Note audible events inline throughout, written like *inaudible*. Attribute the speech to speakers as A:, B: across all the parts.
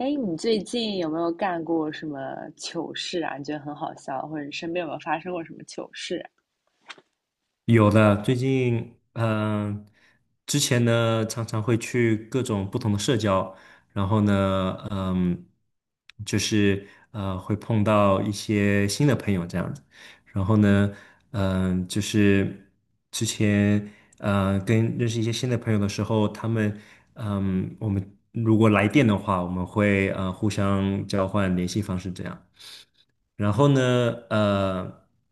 A: 哎，你最近有没有干过什么糗事啊？你觉得很好笑，或者你身边有没有发生过什么糗事啊？
B: 有的，最近呃之前呢常常会去各种不同的社交，然后呢，就是会碰到一些新的朋友这样子。然后呢，就是之前跟认识一些新的朋友的时候，他们嗯、我们如果来电的话，我们会互相交换联系方式这样。然后呢，呃，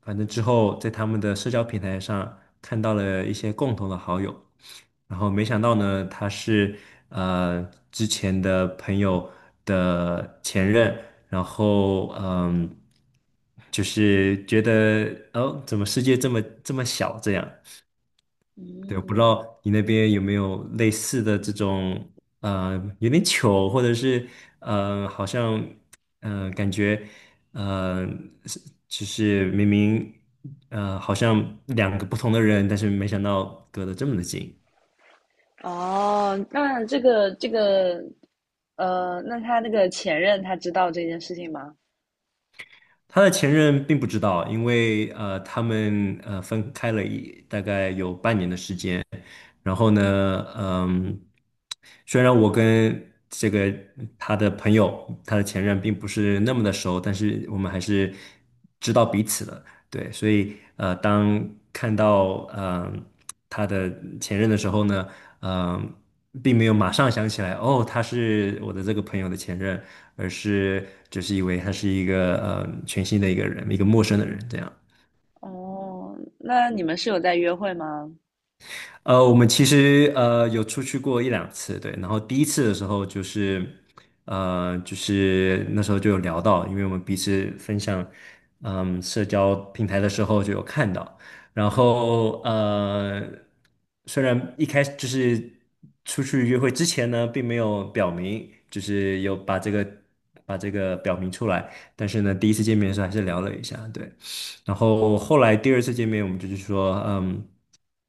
B: 反正之后在他们的社交平台上看到了一些共同的好友，然后没想到呢，他是呃之前的朋友的前任。然后就是觉得，哦，怎么世界这么这么小这样。对，我不知
A: 嗯。
B: 道你那边有没有类似的这种，呃，有点糗，或者是，好像，感觉，呃，是就是明明，好像两个不同的人，但是没想到隔得这么的近。
A: 哦，那那他那个前任他知道这件事情吗？
B: 他的前任并不知道，因为他们分开了一大概有半年的时间。然后呢，虽然我跟这个他的朋友，他的前任并不是那么的熟，但是我们还是知道彼此的。对，所以当看到他的前任的时候呢，嗯、并没有马上想起来，哦，他是我的这个朋友的前任，而是只是以为他是一个全新的一个人，一个陌生的人这样。
A: 哦，那你们是有在约会吗？
B: 我们其实有出去过一两次，对。然后第一次的时候就是那时候就有聊到，因为我们彼此分享，社交平台的时候就有看到。然后虽然一开始就是出去约会之前呢，并没有表明，就是有把这个表明出来，但是呢，第一次见面的时候还是聊了一下，对。然后后来第二次见面，我们就是说，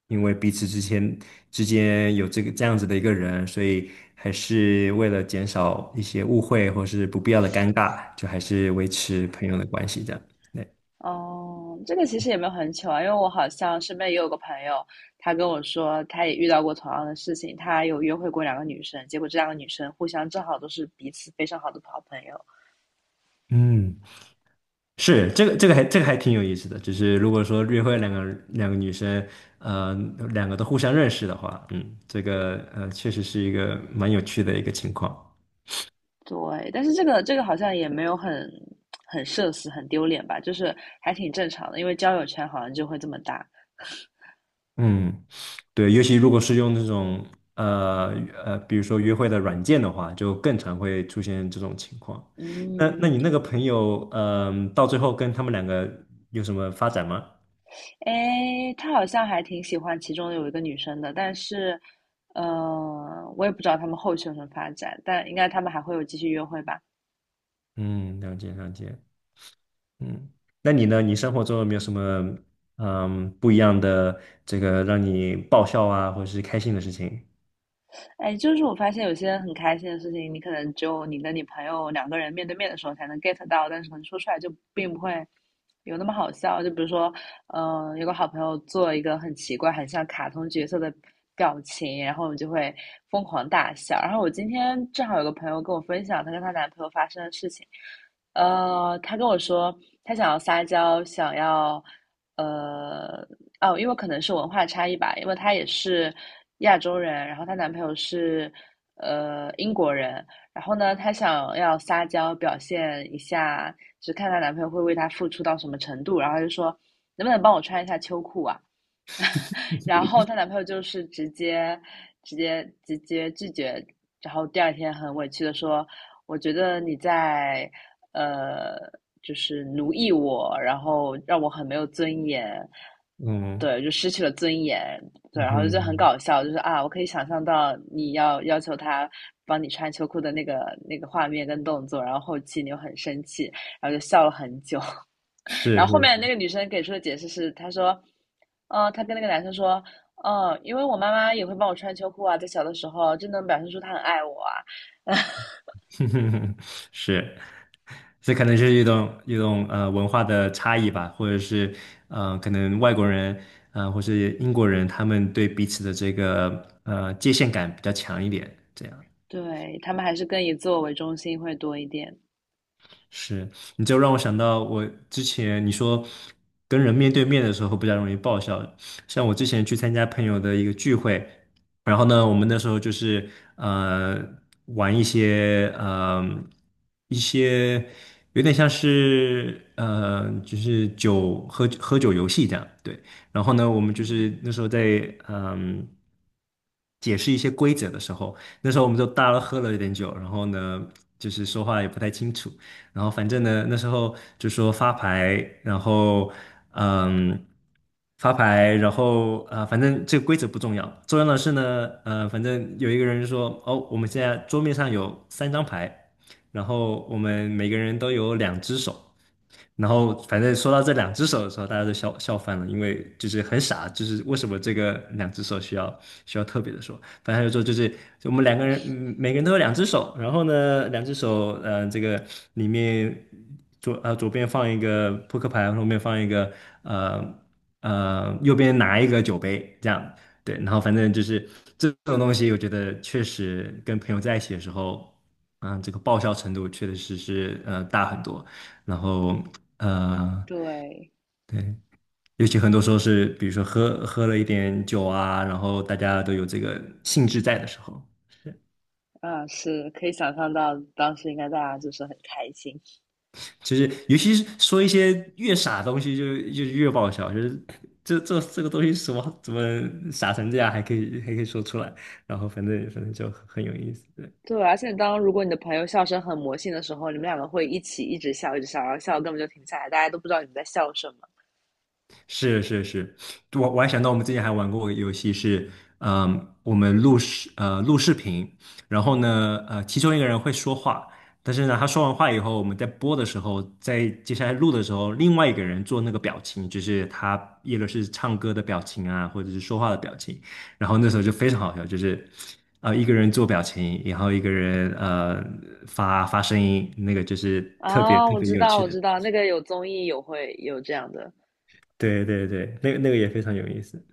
B: 因为彼此之间有这个这样子的一个人，所以还是为了减少一些误会或是不必要的尴尬，就还是维持朋友的关系这样。对。
A: 哦，这个其实也没有很糗啊，因为我好像身边也有个朋友，他跟我说他也遇到过同样的事情，他有约会过两个女生，结果这两个女生互相正好都是彼此非常好的好朋友。
B: 嗯，是这个这个还这个还挺有意思的，就是如果说约会两个女生，呃，两个都互相认识的话，这个确实是一个蛮有趣的一个情况。
A: 对，但是这个这个好像也没有很很社死、很丢脸吧，就是还挺正常的，因为交友圈好像就会这么大。
B: 嗯。对，尤其如果是用这种呃比如说约会的软件的话，就更常会出现这种情况。那
A: 嗯。
B: 你那个朋友，到最后跟他们两个有什么发展吗？
A: 哎，他好像还挺喜欢其中有一个女生的，但是，我也不知道他们后续有什么发展，但应该他们还会有继续约会吧。
B: 嗯，了解了解。嗯，那你呢？你生活中有没有什么不一样的这个让你爆笑啊，或者是开心的事情？
A: 哎，就是我发现有些很开心的事情，你可能只有你跟你朋友两个人面对面的时候才能 get 到，但是可能说出来就并不会有那么好笑。就比如说，有个好朋友做一个很奇怪、很像卡通角色的表情，然后我们就会疯狂大笑。然后我今天正好有个朋友跟我分享她跟她男朋友发生的事情，她跟我说她想要撒娇，想要呃，哦，因为可能是文化差异吧，因为她也是亚洲人，然后她男朋友是英国人。然后呢，她想要撒娇表现一下，就是看她男朋友会为她付出到什么程度，然后她就说能不能帮我穿一下秋裤啊？然后她男朋友就是直接拒绝，然后第二天很委屈的说：“我觉得你在呃，就是奴役我，然后让我很没有尊严。”
B: 嗯
A: 对，就失去了尊严。对，
B: 嗯
A: 然后就很
B: 哼，
A: 搞笑，就是啊，我可以想象到你要求他帮你穿秋裤的那个画面跟动作，然后后期你又很生气，然后就笑了很久。*laughs* 然
B: 是
A: 后后
B: 是。
A: 面那个女生给出的解释是，她说，她跟那个男生说，嗯，因为我妈妈也会帮我穿秋裤啊，在小的时候，真能表现出她很爱我啊。*laughs*
B: *laughs* 是，这可能是一种文化的差异吧，或者是可能外国人或是英国人他们对彼此的这个界限感比较强一点，这样。
A: 对，他们还是更以自我为中心会多一点。
B: 是，你就让我想到我之前你说跟人面对面的时候比较容易爆笑。像我之前去参加朋友的一个聚会，然后呢，我们那时候就是呃玩一些一些有点像是就是喝酒游戏这样。对。然后呢，我们就是
A: 嗯。
B: 那时候在，嗯。解释一些规则的时候，那时候我们就大家都喝了一点酒，然后呢，就是说话也不太清楚。然后反正呢，那时候就说然后嗯，发牌，然后反正这个规则不重要，重要的是呢，反正有一个人说，哦，我们现在桌面上有三张牌，然后我们每个人都有两只手。然后反正说到这两只手的时候，大家都笑笑翻了，因为就是很傻。就是为什么这个两只手需要特别的说？反正他就说就我们两个人。嗯每个人都有两只手，然后呢，两只手，这个里面，左边放一个扑克牌，后面放一个呃呃右边拿一个酒杯，这样。对。然后反正就是这种东西，我觉得确实跟朋友在一起的时候，这个爆笑程度确实是大很多。然后呃，
A: 对。
B: 对，尤其很多时候是，比如说喝了一点酒啊，然后大家都有这个兴致在的时候，
A: 啊，是可以想象到当时应该大家就是很开心。
B: 其实尤其是说一些越傻的东西就越爆笑。就是这个东西什么怎么傻成这样，还可以说出来。然后反正就很有意思，对。
A: 对，而且当如果你的朋友笑声很魔性的时候，你们两个会一起一直笑，一直笑，然后笑根本就停不下来，大家都不知道你们在笑什么。
B: 是是是，我还想到我们之前还玩过个游戏是，我们录视频。然后呢，其中一个人会说话。但是呢，他说完话以后，我们在播的时候，在接下来录的时候，另外一个人做那个表情，就是他也就是唱歌的表情啊，或者是说话的表情。然后那时候就非常好笑，就是啊，一个人做表情，然后一个人发声音，那个就是特别
A: 啊，
B: 特
A: 我
B: 别
A: 知
B: 有
A: 道，
B: 趣
A: 我
B: 的。
A: 知道，那个有综艺有会有这样的。
B: 对对对，那个也非常有意思，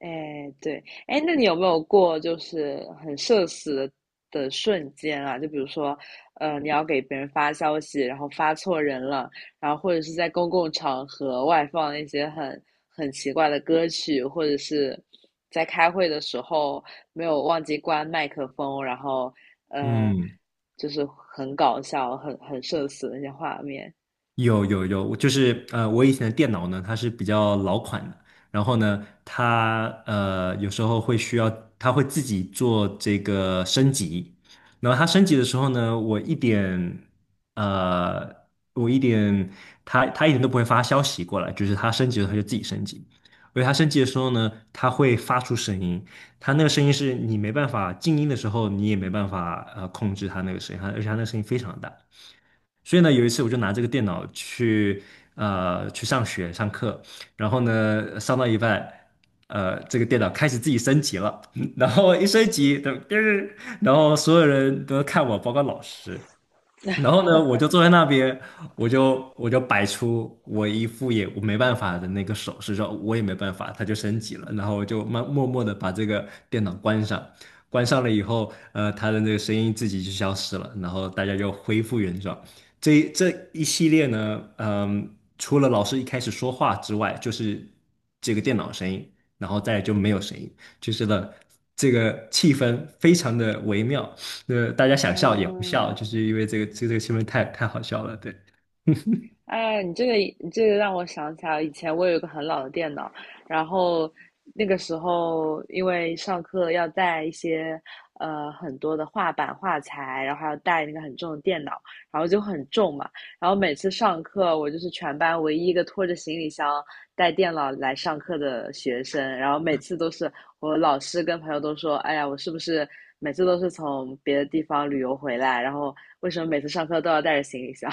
A: 哎，对。哎，那你有没有过就是很社死的的瞬间啊？就比如说，你要给别人发消息，然后发错人了，然后或者是在公共场合外放一些很很奇怪的歌曲，或者是在开会的时候没有忘记关麦克风，然后呃，
B: 嗯。
A: 就是很搞笑、很很社死的那些画面。
B: 有有有，我就是呃，我以前的电脑呢，它是比较老款的。然后呢，它有时候会需要，它会自己做这个升级。然后它升级的时候呢，我一点呃，我一点，它它一点都不会发消息过来，就是它升级了，它就自己升级。而且它升级的时候呢，它会发出声音，它那个声音是你没办法静音的时候，你也没办法控制它那个声音，而且它那个声音非常大。所以呢，有一次我就拿这个电脑去上学上课。然后呢上到一半，这个电脑开始自己升级了，*laughs* 然后一升级，噔。然后所有人都看我，包括老师。然后呢，我就坐在那边，我就摆出我一副也我没办法的那个手势，说我也没办法，他就升级了。然后我就默默的把这个电脑关上。关上了以后，他的那个声音自己就消失了，然后大家就恢复原状。这一系列呢，除了老师一开始说话之外，就是这个电脑声音，然后再来就没有声音，就是了。这个气氛非常的微妙。对，大家想笑也不笑，
A: 嗯。
B: 就是因为这个新闻太好笑了。对。
A: 哎，你这个让我想起来，以前我有一个很老的电脑，然后那个时候因为上课要带一些很多的画板画材，然后还要带那个很重的电脑，然后就很重嘛。然后每次上课，我就是全班唯一一个拖着行李箱带电脑来上课的学生，然后每次都是我老师跟朋友都说，哎呀，我是不是每次都是从别的地方旅游回来，然后为什么每次上课都要带着行李箱？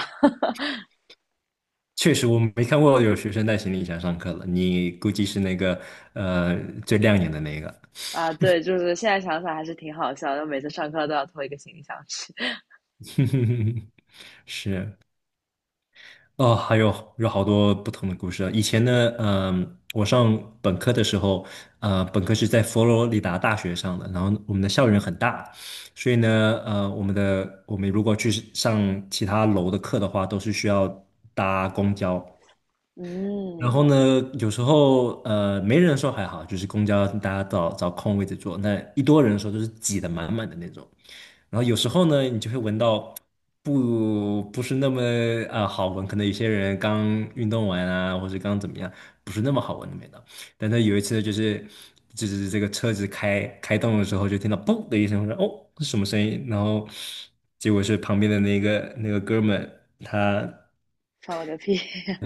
B: 确实我没看过有学生带行李箱上课了，你估计是那个呃最亮眼的那个。
A: 啊，对，就是现在想想还是挺好笑的，每次上课都要拖一个行李箱去。*laughs*
B: *laughs* 是。哦，还有好多不同的故事啊。以前呢，我上本科的时候，本科是在佛罗里达大学上的，然后我们的校园很大。所以呢，我们如果去上其他楼的课的话，都是需要搭公交。然
A: 嗯，
B: 后呢，有时候没人的时候还好，就是公交大家找找空位置坐，那一多人的时候就是挤得满满的那种。然后有时候呢，你就会闻到不是那么好闻，可能有些人刚运动完啊，或者刚怎么样，不是那么好闻的味道。但他有一次就是这个车子开动的时候，就听到嘣的一声，我说，哦，是什么声音？然后结果是旁边的那个哥们，他。
A: 放我个屁。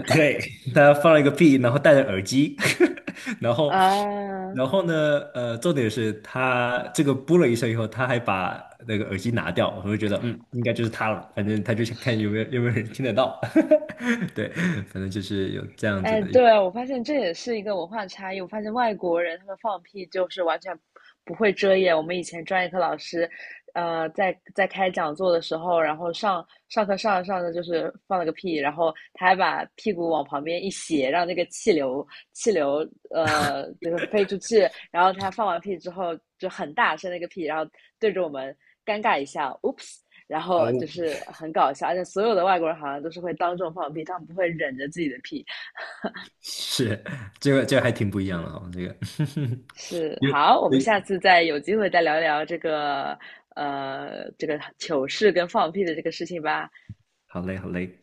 B: 对，他放了一个屁，然后戴着耳机。*laughs* 然
A: *laughs*！
B: 后，
A: 啊。
B: 然后呢，重点是他这个噗了一声以后，他还把那个耳机拿掉，我就觉得，嗯，应该就是他了。反正他就想看有没有人听得到。*laughs* 对，反正就是有这样子
A: 哎，
B: 的一，
A: 对啊，我发现这也是一个文化差异。我发现外国人他们放屁就是完全不会遮掩。我们以前专业课老师，在开讲座的时候，然后上课上着上着就是放了个屁，然后他还把屁股往旁边一斜，让那个气流就是飞出去。然后他放完屁之后就很大声的一个屁，然后对着我们尴尬一下，oops。然
B: 呃，
A: 后就是很搞笑，而且所有的外国人好像都是会当众放屁，他们不会忍着自己的屁。
B: 是，这个还挺不一样的哦，这个。*laughs*
A: 是，
B: 有，
A: 好，我们
B: 有，
A: 下次再有机会再聊聊这个，这个糗事跟放屁的这个事情吧。
B: 好嘞，好嘞。